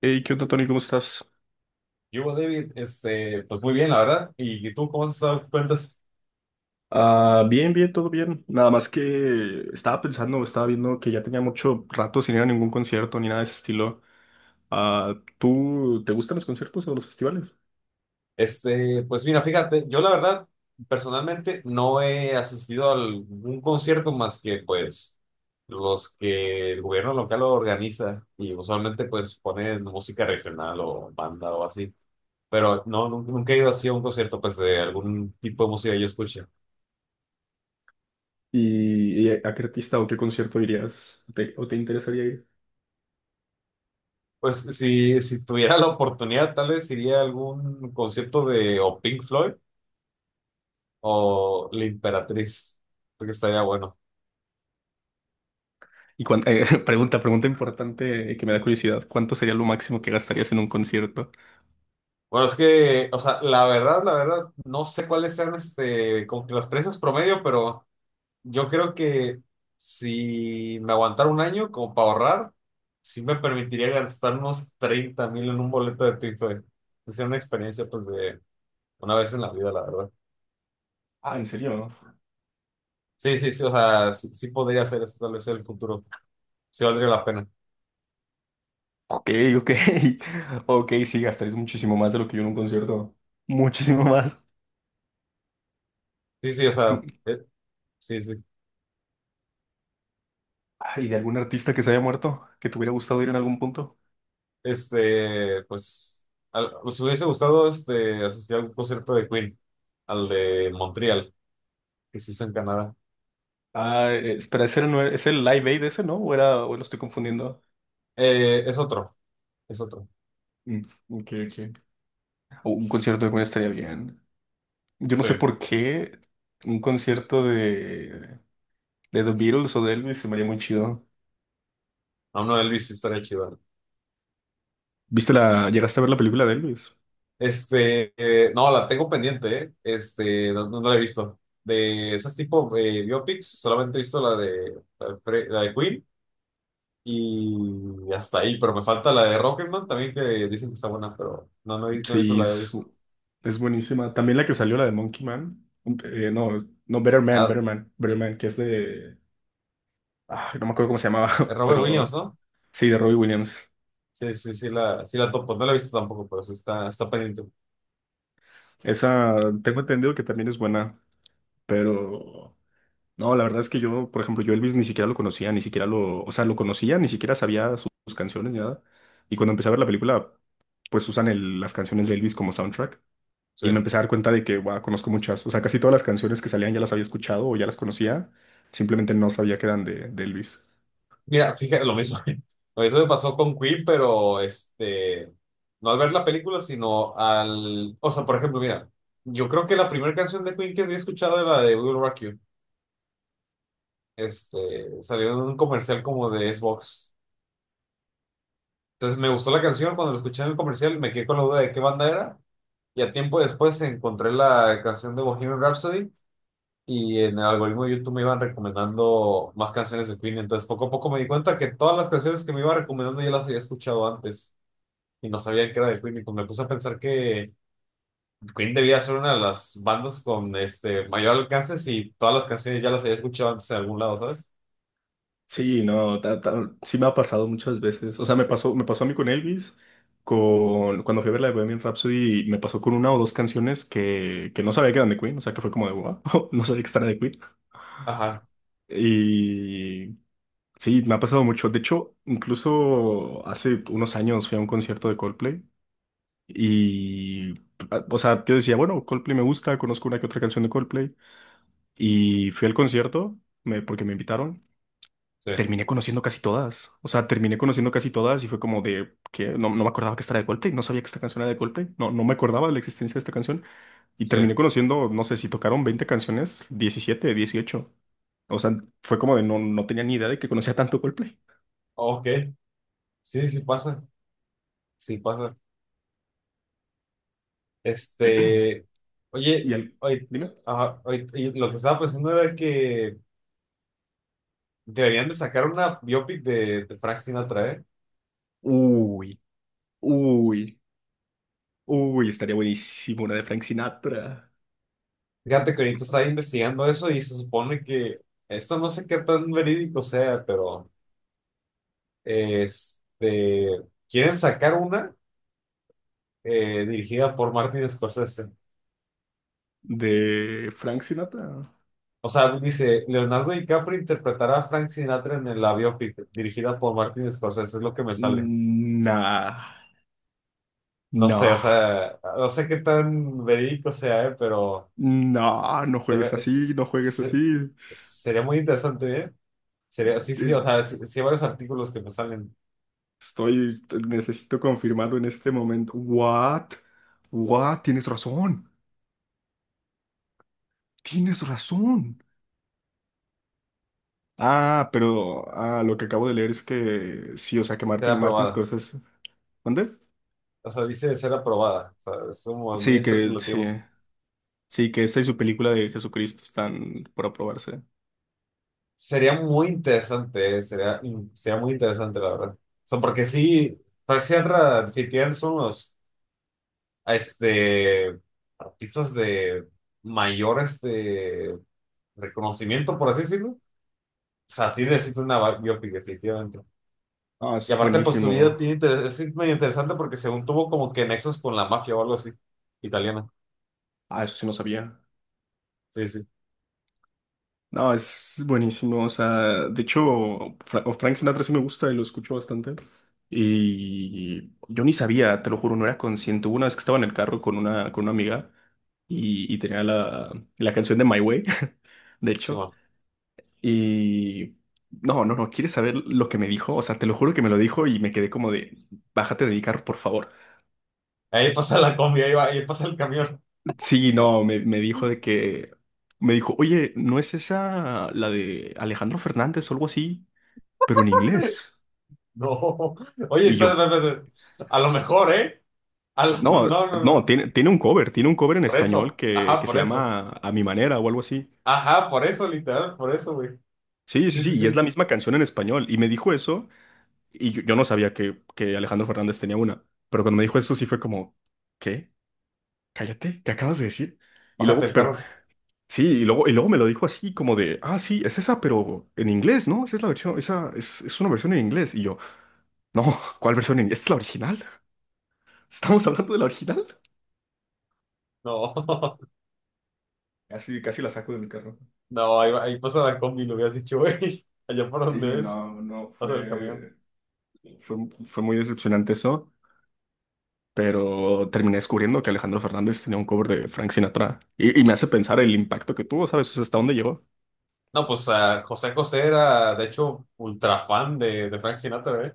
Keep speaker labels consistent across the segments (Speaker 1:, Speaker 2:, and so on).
Speaker 1: Hey, ¿qué onda, Tony? ¿Cómo estás?
Speaker 2: Yo, David, pues muy bien, la verdad. ¿Y tú cómo has estado? ¿Qué cuentas?
Speaker 1: Ah, bien, bien, todo bien. Nada más que estaba pensando, estaba viendo que ya tenía mucho rato sin ir a ningún concierto ni nada de ese estilo. Ah, ¿tú te gustan los conciertos o los festivales?
Speaker 2: Pues mira, fíjate, yo la verdad, personalmente no he asistido a algún concierto más que pues los que el gobierno local organiza y usualmente pues ponen música regional o banda o así. Pero no, nunca, nunca he ido así a un concierto pues de algún tipo de música que yo escuche.
Speaker 1: ¿¿Y a qué artista o qué concierto irías ¿Te- o te interesaría ir?
Speaker 2: Pues si tuviera la oportunidad, tal vez iría a algún concierto de o Pink Floyd o la Imperatriz. Creo que estaría bueno.
Speaker 1: Pregunta importante que me da curiosidad. ¿Cuánto sería lo máximo que gastarías en un concierto?
Speaker 2: Bueno, es que, o sea, la verdad, no sé cuáles sean como que los precios promedio, pero yo creo que si me aguantara un año como para ahorrar, sí me permitiría gastar unos 30,000 en un boleto de Piffle. Es una experiencia, pues, de una vez en la vida, la verdad.
Speaker 1: Ah, ¿en serio?
Speaker 2: Sí, sí, sí, o sea, sí, sí podría hacer eso, tal vez en el futuro. Sí valdría la pena.
Speaker 1: Ok, ok. Ok, sí, gastarías muchísimo más de lo que yo en un concierto. Muchísimo más.
Speaker 2: Sí, sí, o sea, sí, sí.
Speaker 1: ¿Y de algún artista que se haya muerto? ¿Que te hubiera gustado ir en algún punto?
Speaker 2: Pues, nos hubiese gustado asistir a un concierto de Queen, al de Montreal, que se hizo en Canadá.
Speaker 1: Espera, ¿ese no era- ¿es el Live Aid ese, no? ¿O era, o lo estoy confundiendo?
Speaker 2: Es otro, es otro.
Speaker 1: Mm, ok, ok. O un concierto de Queen estaría bien. Yo no
Speaker 2: Sí.
Speaker 1: sé por qué un concierto de The Beatles o de Elvis se me haría muy chido.
Speaker 2: No, no, Elvis sí estaría chido.
Speaker 1: ¿Viste la, llegaste a ver la película de Elvis?
Speaker 2: No, la tengo pendiente, ¿eh? Este, no, no la he visto. De esas tipo biopics, solamente he visto la de Queen y hasta ahí, pero me falta la de Rocketman también, que dicen que está buena, pero no, no he visto
Speaker 1: Sí,
Speaker 2: la de Elvis.
Speaker 1: es buenísima. También la que salió, la de Monkey Man. No, no, Better Man,
Speaker 2: Ah,
Speaker 1: Better Man, Better Man, que es de... Ah, no me acuerdo cómo se llamaba,
Speaker 2: Robert Williams,
Speaker 1: pero
Speaker 2: ¿no?
Speaker 1: sí, de Robbie Williams.
Speaker 2: Sí, sí, sí la topo. No la he visto tampoco, pero está pendiente.
Speaker 1: Esa tengo entendido que también es buena, pero no, la verdad es que yo, por ejemplo, yo Elvis ni siquiera lo conocía, ni siquiera lo, o sea, lo conocía, ni siquiera sabía sus canciones ni nada. Y cuando empecé a ver la película, pues las canciones de Elvis como soundtrack
Speaker 2: Sí.
Speaker 1: y me empecé a dar cuenta de que, wow, conozco muchas, o sea, casi todas las canciones que salían ya las había escuchado o ya las conocía, simplemente no sabía que eran de Elvis.
Speaker 2: Mira, fíjate, lo mismo. Lo mismo me pasó con Queen, pero no al ver la película, sino al. O sea, por ejemplo, mira, yo creo que la primera canción de Queen que había escuchado era la de Will Rock You. Salió en un comercial como de Xbox. Entonces me gustó la canción, cuando la escuché en el comercial me quedé con la duda de qué banda era. Y a tiempo después encontré la canción de Bohemian Rhapsody y en el algoritmo de YouTube me iban recomendando más canciones de Queen, entonces poco a poco me di cuenta que todas las canciones que me iba recomendando ya las había escuchado antes y no sabía que era de Queen y pues me puse a pensar que Queen debía ser una de las bandas con este mayor alcance si todas las canciones ya las había escuchado antes en algún lado, ¿sabes?
Speaker 1: Sí, no, sí me ha pasado muchas veces. O sea, me pasó a mí con Elvis, con, cuando fui a ver la de Bohemian Rhapsody, me pasó con una o dos canciones que no sabía que eran de Queen, o sea, que fue como de wow, no sabía que esta era de Queen.
Speaker 2: Ajá,
Speaker 1: Y sí, me ha pasado mucho. De hecho, incluso hace unos años fui a un concierto de Coldplay y, o sea, yo decía, bueno, Coldplay me gusta, conozco una que otra canción de Coldplay y fui al concierto porque me invitaron.
Speaker 2: sí,
Speaker 1: Terminé conociendo casi todas. O sea, terminé conociendo casi todas y fue como de que no, no me acordaba que esta era de Coldplay, no sabía que esta canción era de Coldplay, no, no me acordaba de la existencia de esta canción. Y
Speaker 2: sí.
Speaker 1: terminé conociendo, no sé, si tocaron 20 canciones, 17, 18. O sea, fue como de no, no tenía ni idea de que conocía tanto Coldplay.
Speaker 2: Ok, sí, sí pasa, sí pasa. Este,
Speaker 1: Y
Speaker 2: Oye,
Speaker 1: al...
Speaker 2: oye,
Speaker 1: Dime.
Speaker 2: ajá, oye, y lo que estaba pensando era que deberían de sacar una biopic de Frank Sinatra, ¿eh?
Speaker 1: Uy, uy, uy, estaría buenísimo una de Frank Sinatra.
Speaker 2: Fíjate que ahorita estaba investigando eso y se supone que esto no sé qué tan verídico sea, pero este quieren sacar una dirigida por Martin Scorsese.
Speaker 1: ¿De Frank Sinatra?
Speaker 2: O sea, dice Leonardo DiCaprio interpretará a Frank Sinatra en la biopic dirigida por Martin Scorsese, es lo que me sale.
Speaker 1: Nah,
Speaker 2: No sé,
Speaker 1: no,
Speaker 2: o sea, no sé qué tan verídico sea, pero
Speaker 1: no, no
Speaker 2: debe-
Speaker 1: juegues
Speaker 2: es-
Speaker 1: así, no juegues
Speaker 2: se-
Speaker 1: así.
Speaker 2: sería muy interesante, ¿eh? Sería, sí, sí, o sea, sí, sí hay varios artículos que me salen,
Speaker 1: Estoy, necesito confirmarlo en este momento. What? What? Tienes razón. Tienes razón. Lo que acabo de leer es que sí, o sea, que
Speaker 2: será
Speaker 1: Martin
Speaker 2: aprobada.
Speaker 1: Scorsese. ¿Dónde?
Speaker 2: O sea, dice de ser aprobada. O sea, es como muy
Speaker 1: Sí, que sí.
Speaker 2: especulativo.
Speaker 1: Sí, que esta y su película de Jesucristo están por aprobarse.
Speaker 2: Sería muy interesante, Sería, sería muy interesante, la verdad. O sea, porque sí, Frank Sinatra definitivamente son los este, artistas de mayor reconocimiento, por así decirlo. O sea, sí necesito una biopic, definitivamente.
Speaker 1: Ah,
Speaker 2: Y
Speaker 1: es
Speaker 2: aparte, pues su
Speaker 1: buenísimo.
Speaker 2: vida tiene es medio interesante porque según tuvo como que nexos con la mafia o algo así, italiana.
Speaker 1: Ah, eso sí no sabía.
Speaker 2: Sí, sí,
Speaker 1: No, es buenísimo. O sea, de hecho, Fra- o Frank Sinatra sí me gusta y lo escucho bastante. Y yo ni sabía, te lo juro, no era consciente. Hubo una vez que estaba en el carro con con una amiga y tenía la canción de My Way, de
Speaker 2: sí,
Speaker 1: hecho.
Speaker 2: bueno.
Speaker 1: Y no, no, no, ¿quieres saber lo que me dijo? O sea, te lo juro que me lo dijo y me quedé como de, bájate de mi carro, por favor.
Speaker 2: Ahí pasa la combi, ahí va, ahí pasa el camión.
Speaker 1: Sí, no, me dijo de que, me dijo, oye, ¿no es esa la de Alejandro Fernández o algo así? Pero en inglés.
Speaker 2: No. Oye,
Speaker 1: Y
Speaker 2: espera
Speaker 1: yo,
Speaker 2: espera espérate. A lo mejor, ¿eh? A lo-
Speaker 1: no,
Speaker 2: No, no,
Speaker 1: no,
Speaker 2: no.
Speaker 1: tiene, tiene un cover en
Speaker 2: Por
Speaker 1: español
Speaker 2: eso. Ajá,
Speaker 1: que
Speaker 2: por
Speaker 1: se
Speaker 2: eso.
Speaker 1: llama A mi manera o algo así.
Speaker 2: Ajá, por eso, literal, por eso, güey.
Speaker 1: Sí, sí,
Speaker 2: Sí, sí,
Speaker 1: sí, y es la
Speaker 2: sí.
Speaker 1: misma canción en español. Y me dijo eso, y yo no sabía que Alejandro Fernández tenía una. Pero cuando me dijo eso, sí fue como, ¿qué? Cállate, ¿qué acabas de decir? Y
Speaker 2: Bájate
Speaker 1: luego,
Speaker 2: el
Speaker 1: pero,
Speaker 2: carro.
Speaker 1: sí, y luego me lo dijo así, como de, ah, sí, es esa, pero en inglés, ¿no? Esa es la versión, esa es una versión en inglés. Y yo, no, ¿cuál versión en inglés? ¿Esta es la original? ¿Estamos hablando de la original?
Speaker 2: No.
Speaker 1: Casi, casi la saco de mi carro.
Speaker 2: No, ahí, ahí pasa la combi, lo hubieras dicho, güey. Allá por donde
Speaker 1: Sí,
Speaker 2: es,
Speaker 1: no, no,
Speaker 2: pasa el camión.
Speaker 1: fue, fue muy decepcionante eso, pero terminé descubriendo que Alejandro Fernández tenía un cover de Frank Sinatra y me hace pensar el impacto que tuvo, ¿sabes? O sea, hasta dónde llegó.
Speaker 2: No, pues ah, José José era, de hecho, ultra fan de Frank Sinatra, ¿eh?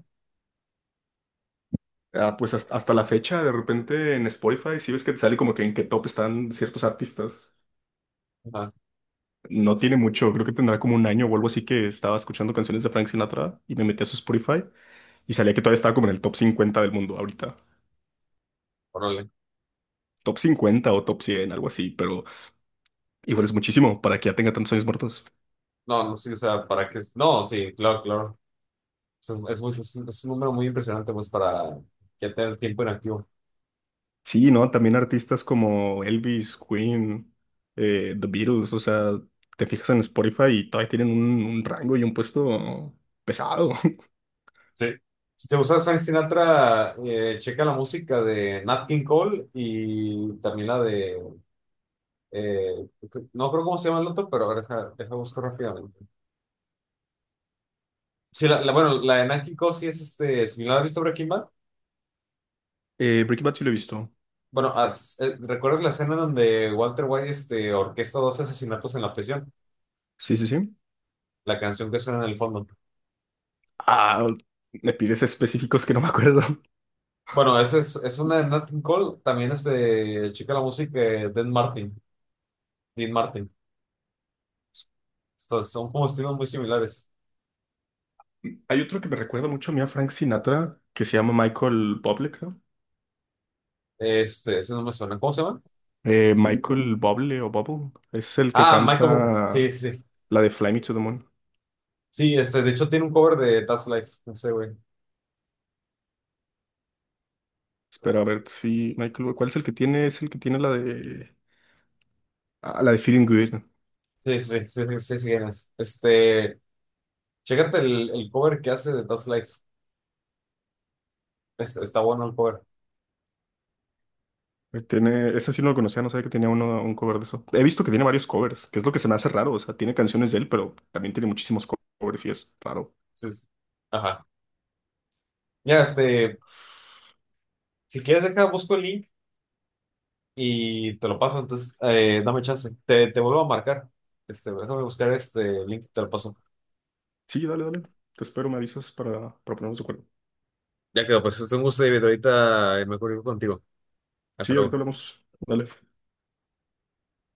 Speaker 1: Ah, pues hasta, hasta la fecha, de repente en Spotify, si ves que te sale como que en qué top están ciertos artistas,
Speaker 2: Ajá,
Speaker 1: no tiene mucho, creo que tendrá como un año o algo así que estaba escuchando canciones de Frank Sinatra y me metí a su Spotify y salía que todavía estaba como en el top 50 del mundo ahorita.
Speaker 2: órale.
Speaker 1: Top 50 o top 100, algo así, pero igual es muchísimo para que ya tenga tantos años muertos.
Speaker 2: No, no, sí, o sea, ¿para qué? No, sí, claro, claro. Es, es, muy- es un número muy impresionante, pues, para ya tener tiempo inactivo.
Speaker 1: Sí, ¿no? También artistas como Elvis, Queen, The Beatles, o sea, te fijas en Spotify y todavía tienen un rango y un puesto pesado.
Speaker 2: Sí. Si te gusta Frank Sinatra, checa la música de Nat King Cole y también la de, eh, no creo cómo se llama el otro, pero a ver, deja buscar rápidamente. Sí, bueno, la de Nat King Cole sí es si no la has visto Breaking Bad,
Speaker 1: Breaking Bad sí lo he visto.
Speaker 2: bueno, ¿recuerdas la escena donde Walter White orquesta dos asesinatos en la prisión?
Speaker 1: Sí, sí, sí.
Speaker 2: La canción que suena en el fondo.
Speaker 1: Ah, me pides específicos que no me acuerdo.
Speaker 2: Bueno, es una de Nat King Cole, también es de, checa la música de Dean Martin, Dean Martin. Estos son como estilos muy similares.
Speaker 1: Hay otro que me recuerda mucho a mí a Frank Sinatra, que se llama Michael Bublé, creo.
Speaker 2: Ese no me suena. ¿Cómo se llama?
Speaker 1: Michael Bublé o Bubble, es el que
Speaker 2: Ah, Michael. Bublé. Sí,
Speaker 1: canta
Speaker 2: sí. Sí,
Speaker 1: la de Fly Me to the Moon.
Speaker 2: De hecho tiene un cover de That's Life. No sé, güey.
Speaker 1: Espera, a ver si, Michael, ¿cuál es el que tiene? Es el que tiene la de, ah, la de Feeling Good.
Speaker 2: Sí, sí, sí, sí, sí, sí, quién es. Chécate el cover que hace de That's Life. Está bueno el cover.
Speaker 1: Tiene, ese sí no lo conocía, no sabía que tenía uno, un cover de eso. He visto que tiene varios covers, que es lo que se me hace raro. O sea, tiene canciones de él, pero también tiene muchísimos covers y es raro.
Speaker 2: Sí, sí. Ajá. Ya, si quieres deja, busco el link y te lo paso. Entonces, dame chance. Te vuelvo a marcar. Déjame buscar este link y te lo paso.
Speaker 1: Sí, dale, dale. Te espero, me avisas para ponernos de acuerdo.
Speaker 2: Ya quedó, pues es un gusto, David. Ahorita me comunico contigo. Hasta
Speaker 1: Sí, ahorita
Speaker 2: luego.
Speaker 1: hablamos. Dale.